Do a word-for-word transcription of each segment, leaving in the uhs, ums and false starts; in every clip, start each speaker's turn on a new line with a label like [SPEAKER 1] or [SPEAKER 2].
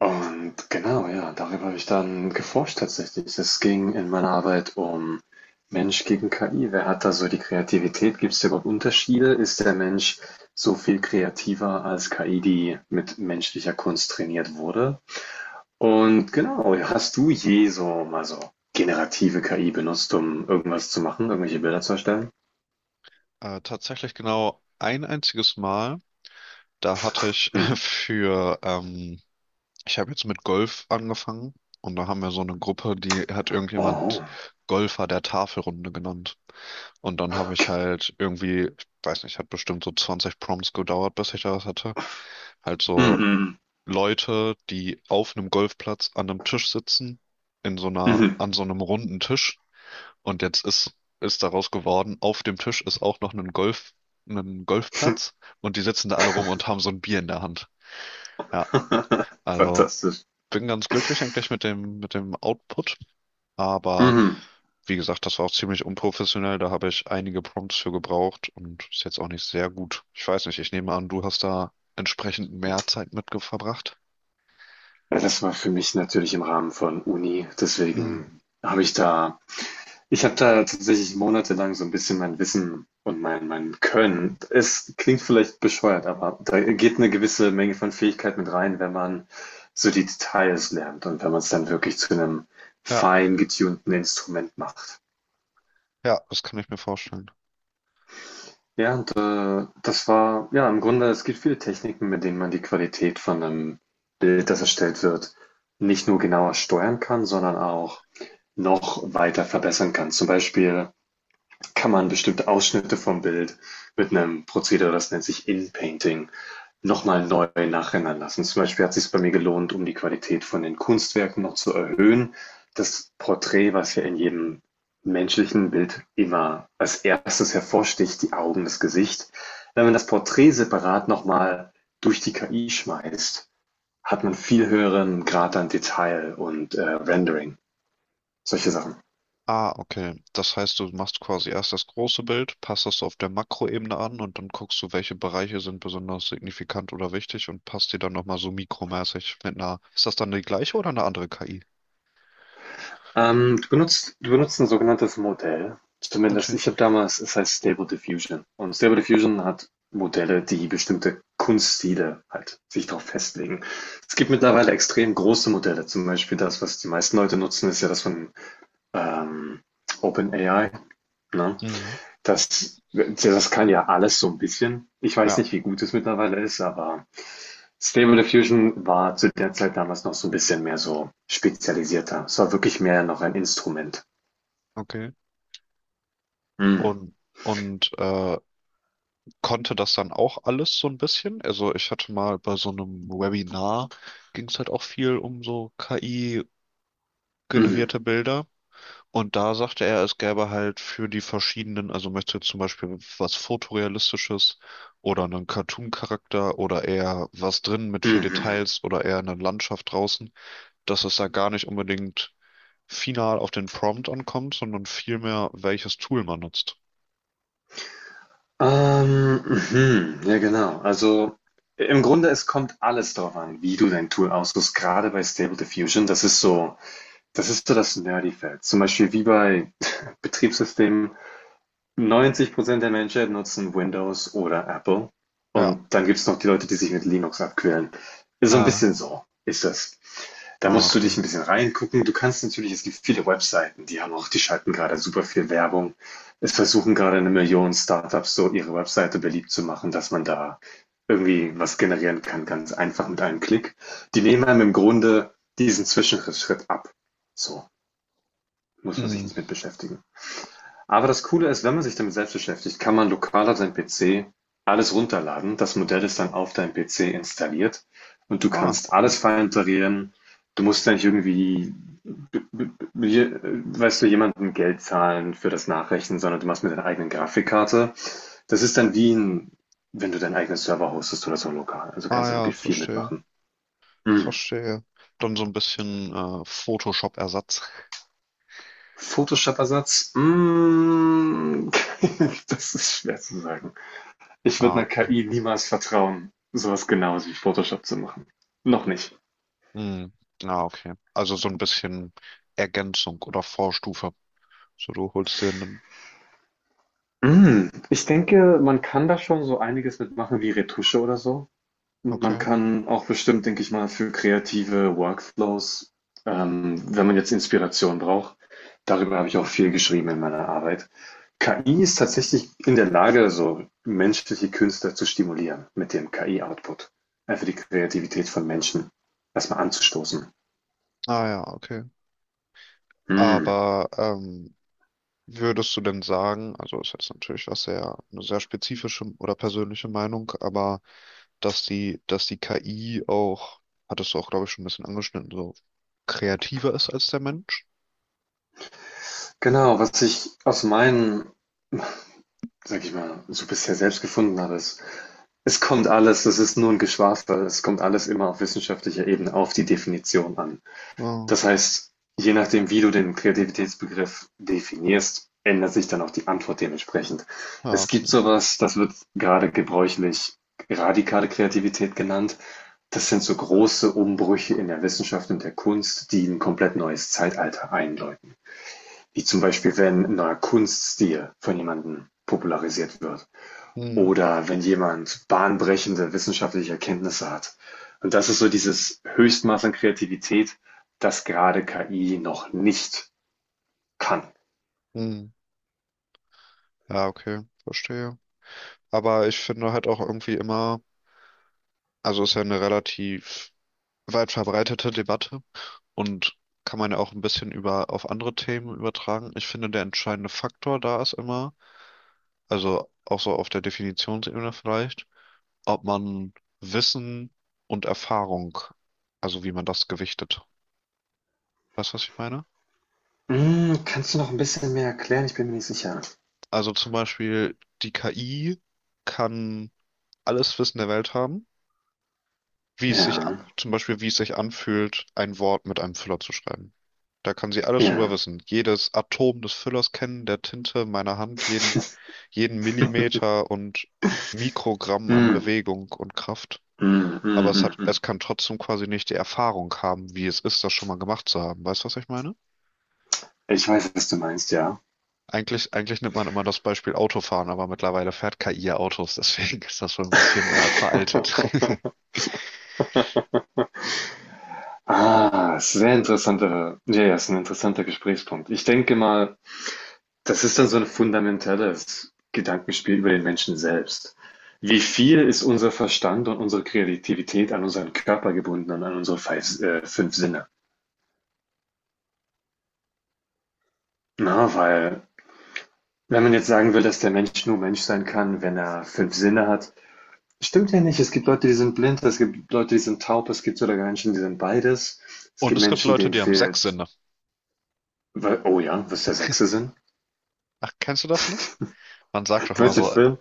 [SPEAKER 1] Und genau, ja, darüber habe ich dann geforscht tatsächlich. Es ging in meiner Arbeit um Mensch gegen K I. Wer hat da so die Kreativität? Gibt es da überhaupt Unterschiede? Ist der Mensch so viel kreativer als K I, die mit menschlicher Kunst trainiert wurde? Und genau, hast du je so mal so generative K I benutzt, um irgendwas zu machen, irgendwelche Bilder zu erstellen?
[SPEAKER 2] Äh, tatsächlich genau ein einziges Mal. Da hatte ich
[SPEAKER 1] Hm.
[SPEAKER 2] für, ähm, ich habe jetzt mit Golf angefangen und da haben wir so eine Gruppe, die hat irgendjemand
[SPEAKER 1] Oh.
[SPEAKER 2] Golfer der Tafelrunde genannt. Und dann habe ich halt irgendwie, ich weiß nicht, hat bestimmt so zwanzig Prompts gedauert, bis ich da was hatte. Halt so
[SPEAKER 1] Mhm.
[SPEAKER 2] Leute, die auf einem Golfplatz an einem Tisch sitzen, in so einer,
[SPEAKER 1] Mhm.
[SPEAKER 2] an so einem runden Tisch. Und jetzt ist, ist daraus geworden, auf dem Tisch ist auch noch ein Golf, ein Golfplatz und die sitzen da alle rum und haben so ein Bier in der Hand. Ja, also
[SPEAKER 1] Fantastisch.
[SPEAKER 2] bin ganz glücklich eigentlich mit dem, mit dem Output, aber
[SPEAKER 1] Mhm.
[SPEAKER 2] wie gesagt, das war auch ziemlich unprofessionell, da habe ich einige Prompts für gebraucht und ist jetzt auch nicht sehr gut. Ich weiß nicht, ich nehme an, du hast da entsprechend mehr Zeit mit ge- verbracht.
[SPEAKER 1] Ja, das war für mich natürlich im Rahmen von Uni,
[SPEAKER 2] Hm.
[SPEAKER 1] deswegen habe ich da ich habe da tatsächlich monatelang so ein bisschen mein Wissen und mein mein Können, es klingt vielleicht bescheuert, aber da geht eine gewisse Menge von Fähigkeit mit rein, wenn man so die Details lernt und wenn man es dann wirklich zu einem
[SPEAKER 2] Ja,
[SPEAKER 1] fein getunten Instrument macht.
[SPEAKER 2] ja, das kann ich mir vorstellen.
[SPEAKER 1] Ja, und äh, das war, ja, im Grunde, es gibt viele Techniken, mit denen man die Qualität von einem Bild, das erstellt wird, nicht nur genauer steuern kann, sondern auch noch weiter verbessern kann. Zum Beispiel kann man bestimmte Ausschnitte vom Bild mit einem Prozedere, das nennt sich In-Painting, nochmal neu nachrendern lassen. Zum Beispiel hat es sich bei mir gelohnt, um die Qualität von den Kunstwerken noch zu erhöhen, das Porträt, was ja in jedem menschlichen Bild immer als erstes hervorsticht, die Augen, das Gesicht. Wenn man das Porträt separat nochmal durch die K I schmeißt, hat man viel höheren Grad an Detail und äh, Rendering, solche Sachen.
[SPEAKER 2] Ah, okay. Das heißt, du machst quasi erst das große Bild, passt das auf der Makroebene an und dann guckst du, welche Bereiche sind besonders signifikant oder wichtig und passt die dann nochmal so mikromäßig mit einer. Ist das dann die gleiche oder eine andere K I?
[SPEAKER 1] Ähm, du benutzt, du benutzt ein sogenanntes Modell. Zumindest,
[SPEAKER 2] Okay.
[SPEAKER 1] ich habe damals, es heißt Stable Diffusion. Und Stable Diffusion hat Modelle, die bestimmte Kunststile halt sich darauf festlegen. Es gibt mittlerweile extrem große Modelle. Zum Beispiel das, was die meisten Leute nutzen, ist ja das von ähm, OpenAI. Ne?
[SPEAKER 2] Mhm.
[SPEAKER 1] Das, das kann ja alles so ein bisschen. Ich weiß
[SPEAKER 2] Ja,
[SPEAKER 1] nicht, wie gut es mittlerweile ist, aber Stable Diffusion war zu der Zeit damals noch so ein bisschen mehr so spezialisierter. Es war wirklich mehr noch ein Instrument.
[SPEAKER 2] okay.
[SPEAKER 1] Mhm.
[SPEAKER 2] Und, und äh, konnte das dann auch alles so ein bisschen? Also ich hatte mal bei so einem Webinar, ging es halt auch viel um so K I-generierte
[SPEAKER 1] Mhm.
[SPEAKER 2] Bilder. Und da sagte er, es gäbe halt für die verschiedenen, also möchte zum Beispiel was Fotorealistisches oder einen Cartoon-Charakter oder eher was drin mit viel
[SPEAKER 1] Mhm.
[SPEAKER 2] Details oder eher eine Landschaft draußen, dass es da gar nicht unbedingt final auf den Prompt ankommt, sondern vielmehr, welches Tool man nutzt.
[SPEAKER 1] Ähm, mhm. Ja, genau. Also im Grunde, es kommt alles darauf an, wie du dein Tool aussuchst, gerade bei Stable Diffusion. Das ist so, das ist so das Nerdy-Feld. Zum Beispiel wie bei Betriebssystemen. neunzig Prozent der Menschen nutzen Windows oder Apple.
[SPEAKER 2] Ja.
[SPEAKER 1] Und dann gibt es noch die Leute, die sich mit Linux abquälen. Ist so ein
[SPEAKER 2] Ja.
[SPEAKER 1] bisschen so, ist das. Da
[SPEAKER 2] Ah,
[SPEAKER 1] musst du
[SPEAKER 2] okay.
[SPEAKER 1] dich ein bisschen reingucken. Du kannst natürlich, es gibt viele Webseiten, die haben auch, die schalten gerade super viel Werbung. Es versuchen gerade eine Million Startups so ihre Webseite beliebt zu machen, dass man da irgendwie was generieren kann, ganz einfach mit einem Klick. Die nehmen einem im Grunde diesen Zwischenschritt ab. So muss man sich
[SPEAKER 2] Mhm.
[SPEAKER 1] nicht mit beschäftigen. Aber das Coole ist, wenn man sich damit selbst beschäftigt, kann man lokal auf seinem P C alles runterladen. Das Modell ist dann auf deinem P C installiert und du
[SPEAKER 2] Ah,
[SPEAKER 1] kannst alles
[SPEAKER 2] cool.
[SPEAKER 1] vorinstallieren. Du musst ja nicht irgendwie, äh, weißt du, jemandem Geld zahlen für das Nachrechnen, sondern du machst mit deiner eigenen Grafikkarte. Das ist dann wie ein, wenn du deinen eigenen Server hostest oder so lokal. Also
[SPEAKER 2] Ah
[SPEAKER 1] kannst du
[SPEAKER 2] ja,
[SPEAKER 1] wirklich viel
[SPEAKER 2] verstehe.
[SPEAKER 1] mitmachen. Mm.
[SPEAKER 2] Verstehe. Dann so ein bisschen äh, Photoshop-Ersatz.
[SPEAKER 1] Photoshop-Ersatz? Mm. Das ist schwer zu sagen. Ich würde
[SPEAKER 2] Ah,
[SPEAKER 1] 'ner K I niemals vertrauen, sowas was Genaues wie Photoshop zu machen. Noch nicht.
[SPEAKER 2] Hm. Ah, okay. Also so ein bisschen Ergänzung oder Vorstufe. So, du holst dir einen.
[SPEAKER 1] Hm, ich denke, man kann da schon so einiges mitmachen, wie Retusche oder so. Man
[SPEAKER 2] Okay.
[SPEAKER 1] kann auch bestimmt, denke ich mal, für kreative Workflows, ähm, wenn man jetzt Inspiration braucht. Darüber habe ich auch viel geschrieben in meiner Arbeit. K I ist tatsächlich in der Lage, so menschliche Künstler zu stimulieren mit dem K I-Output. Einfach die Kreativität von Menschen erstmal anzustoßen.
[SPEAKER 2] Ah ja, okay.
[SPEAKER 1] Hm.
[SPEAKER 2] Aber ähm, würdest du denn sagen, also ist jetzt natürlich was sehr, eine sehr spezifische oder persönliche Meinung, aber dass die, dass die K I auch, hattest du auch, glaube ich, schon ein bisschen angeschnitten, so kreativer ist als der Mensch?
[SPEAKER 1] Genau, was ich aus meinen, sag ich mal, so bisher selbst gefunden habe, ist, es kommt alles, das ist nur ein Geschwafel, es kommt alles immer auf wissenschaftlicher Ebene auf die Definition an.
[SPEAKER 2] Ah,
[SPEAKER 1] Das heißt, je nachdem, wie du den Kreativitätsbegriff definierst, ändert sich dann auch die Antwort dementsprechend.
[SPEAKER 2] ja,
[SPEAKER 1] Es gibt
[SPEAKER 2] okay.
[SPEAKER 1] sowas, das wird gerade gebräuchlich radikale Kreativität genannt. Das sind so große Umbrüche in der Wissenschaft und der Kunst, die ein komplett neues Zeitalter einläuten. Wie zum Beispiel, wenn ein neuer Kunststil von jemandem popularisiert wird
[SPEAKER 2] Hm,
[SPEAKER 1] oder wenn jemand bahnbrechende wissenschaftliche Erkenntnisse hat. Und das ist so dieses Höchstmaß an Kreativität, das gerade K I noch nicht kann.
[SPEAKER 2] hm. Ja, okay, verstehe. Aber ich finde halt auch irgendwie immer, also ist ja eine relativ weit verbreitete Debatte und kann man ja auch ein bisschen über auf andere Themen übertragen. Ich finde, der entscheidende Faktor da ist immer, also auch so auf der Definitionsebene vielleicht, ob man Wissen und Erfahrung, also wie man das gewichtet. Weißt du, was ich meine?
[SPEAKER 1] Mm, kannst du noch ein bisschen mehr erklären? Ich bin mir nicht sicher.
[SPEAKER 2] Also zum Beispiel, die K I kann alles Wissen der Welt haben wie es sich, a-
[SPEAKER 1] Ja,
[SPEAKER 2] zum Beispiel, wie es sich anfühlt, ein Wort mit einem Füller zu schreiben. Da kann sie alles drüber
[SPEAKER 1] ja.
[SPEAKER 2] wissen. Jedes Atom des Füllers kennen, der Tinte meiner Hand, jeden, jeden Millimeter und Mikrogramm an
[SPEAKER 1] Mm,
[SPEAKER 2] Bewegung und Kraft.
[SPEAKER 1] mm, mm,
[SPEAKER 2] Aber es
[SPEAKER 1] mm,
[SPEAKER 2] hat,
[SPEAKER 1] mm.
[SPEAKER 2] es kann trotzdem quasi nicht die Erfahrung haben, wie es ist, das schon mal gemacht zu haben. Weißt du, was ich meine?
[SPEAKER 1] Ich weiß, was du meinst, ja.
[SPEAKER 2] Eigentlich, eigentlich nimmt man immer das Beispiel Autofahren, aber mittlerweile fährt K I ja Autos, deswegen ist das schon ein bisschen äh, veraltet.
[SPEAKER 1] Ah, sehr interessanter. Ja, ja, ist ein interessanter Gesprächspunkt. Ich denke mal, das ist dann so 'n fundamentales Gedankenspiel über den Menschen selbst. Wie viel ist unser Verstand und unsere Kreativität an unseren Körper gebunden und an unsere feis äh, fünf Sinne? Na, weil wenn man jetzt sagen will, dass der Mensch nur Mensch sein kann, wenn er fünf Sinne hat, stimmt ja nicht. Es gibt Leute, die sind blind, es gibt Leute, die sind taub, es gibt sogar Menschen, die sind beides. Es
[SPEAKER 2] Und
[SPEAKER 1] gibt
[SPEAKER 2] es gibt
[SPEAKER 1] Menschen,
[SPEAKER 2] Leute,
[SPEAKER 1] denen
[SPEAKER 2] die haben sechs
[SPEAKER 1] fehlt.
[SPEAKER 2] Sinne.
[SPEAKER 1] Wei oh ja, was ist der sechste Sinn?
[SPEAKER 2] Ach, kennst du das nicht? Man sagt doch
[SPEAKER 1] Du
[SPEAKER 2] immer
[SPEAKER 1] meinst den
[SPEAKER 2] so,
[SPEAKER 1] Film?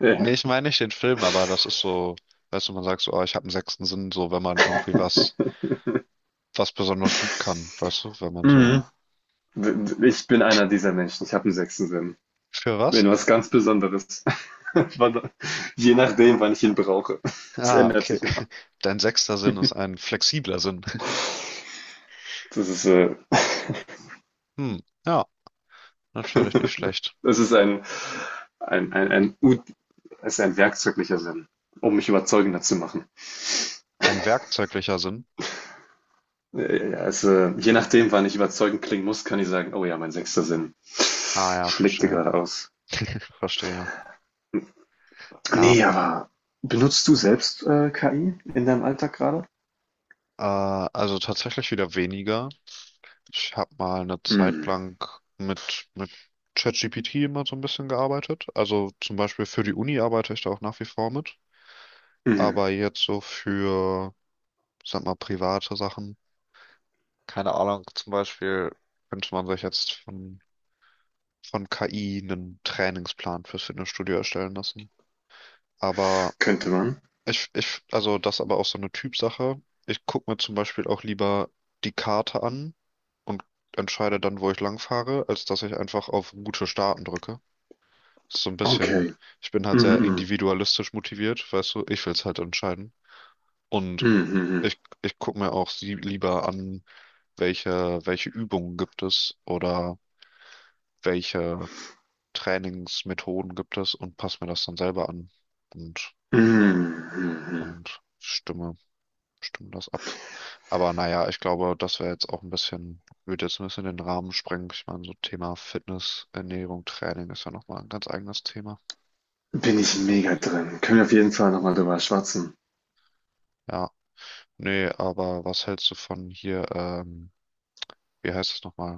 [SPEAKER 1] Ja.
[SPEAKER 2] nee, ich meine nicht den Film, aber das ist so, weißt du, man sagt so, oh, ich habe einen sechsten Sinn, so wenn man irgendwie was, was besonders gut kann, weißt du, wenn man
[SPEAKER 1] Mhm.
[SPEAKER 2] so.
[SPEAKER 1] Ich bin einer dieser Menschen. Ich habe 'n sechsten Sinn.
[SPEAKER 2] Für was?
[SPEAKER 1] Wenn was ganz Besonderes. Wann- Je nachdem, wann ich ihn brauche. Es
[SPEAKER 2] Ah,
[SPEAKER 1] ändert
[SPEAKER 2] okay.
[SPEAKER 1] sich immer.
[SPEAKER 2] Dein sechster Sinn ist ein flexibler Sinn.
[SPEAKER 1] Das ist, äh,
[SPEAKER 2] Hm, ja, natürlich nicht schlecht.
[SPEAKER 1] Das ist ein, ein, ein, ein, Ut- ist ein werkzeuglicher Sinn, um mich überzeugender zu machen.
[SPEAKER 2] Ein werkzeuglicher Sinn.
[SPEAKER 1] Äh, Ja, es, äh, je nachdem, wann ich überzeugend klingen muss, kann ich sagen, oh ja, mein sechster Sinn
[SPEAKER 2] Ah ja,
[SPEAKER 1] schlägt dir
[SPEAKER 2] verstehe.
[SPEAKER 1] gerade aus.
[SPEAKER 2] Ich verstehe. Ja,
[SPEAKER 1] Nee, aber benutzt du selbst äh, K I in deinem Alltag gerade?
[SPEAKER 2] ja, äh, also tatsächlich wieder weniger. Ich habe mal eine Zeit
[SPEAKER 1] Hm.
[SPEAKER 2] lang mit, mit ChatGPT immer so ein bisschen gearbeitet. Also zum Beispiel für die Uni arbeite ich da auch nach wie vor mit.
[SPEAKER 1] Hm.
[SPEAKER 2] Aber jetzt so für, ich sag mal, private Sachen, keine Ahnung, zum Beispiel könnte man sich jetzt von, von K I einen Trainingsplan fürs Fitnessstudio erstellen lassen. Aber
[SPEAKER 1] Könnte man.
[SPEAKER 2] ich, ich, also das ist aber auch so eine Typsache. Ich gucke mir zum Beispiel auch lieber die Karte an und entscheide dann, wo ich lang fahre, als dass ich einfach auf Route starten drücke. Ist so ein bisschen,
[SPEAKER 1] Okay.
[SPEAKER 2] ich bin halt
[SPEAKER 1] Mhm,
[SPEAKER 2] sehr
[SPEAKER 1] mhm.
[SPEAKER 2] individualistisch motiviert, weißt du, ich will es halt entscheiden. Und
[SPEAKER 1] Mhm, mhm.
[SPEAKER 2] Ich, ich gucke mir auch sie lieber an, welche, welche Übungen gibt es oder welche Trainingsmethoden gibt es und passe mir das dann selber an und,
[SPEAKER 1] Mhm, mhm. Mhm.
[SPEAKER 2] und stimme, stimme das ab. Aber naja, ich glaube, das wäre jetzt auch ein bisschen, würde jetzt ein bisschen den Rahmen sprengen. Ich meine, so Thema Fitness, Ernährung, Training ist ja nochmal ein ganz eigenes Thema.
[SPEAKER 1] Bin ich mega drin. Können wir auf jeden Fall nochmal drüber schwatzen.
[SPEAKER 2] Ja, nee, aber was hältst du von hier, ähm, wie heißt es nochmal?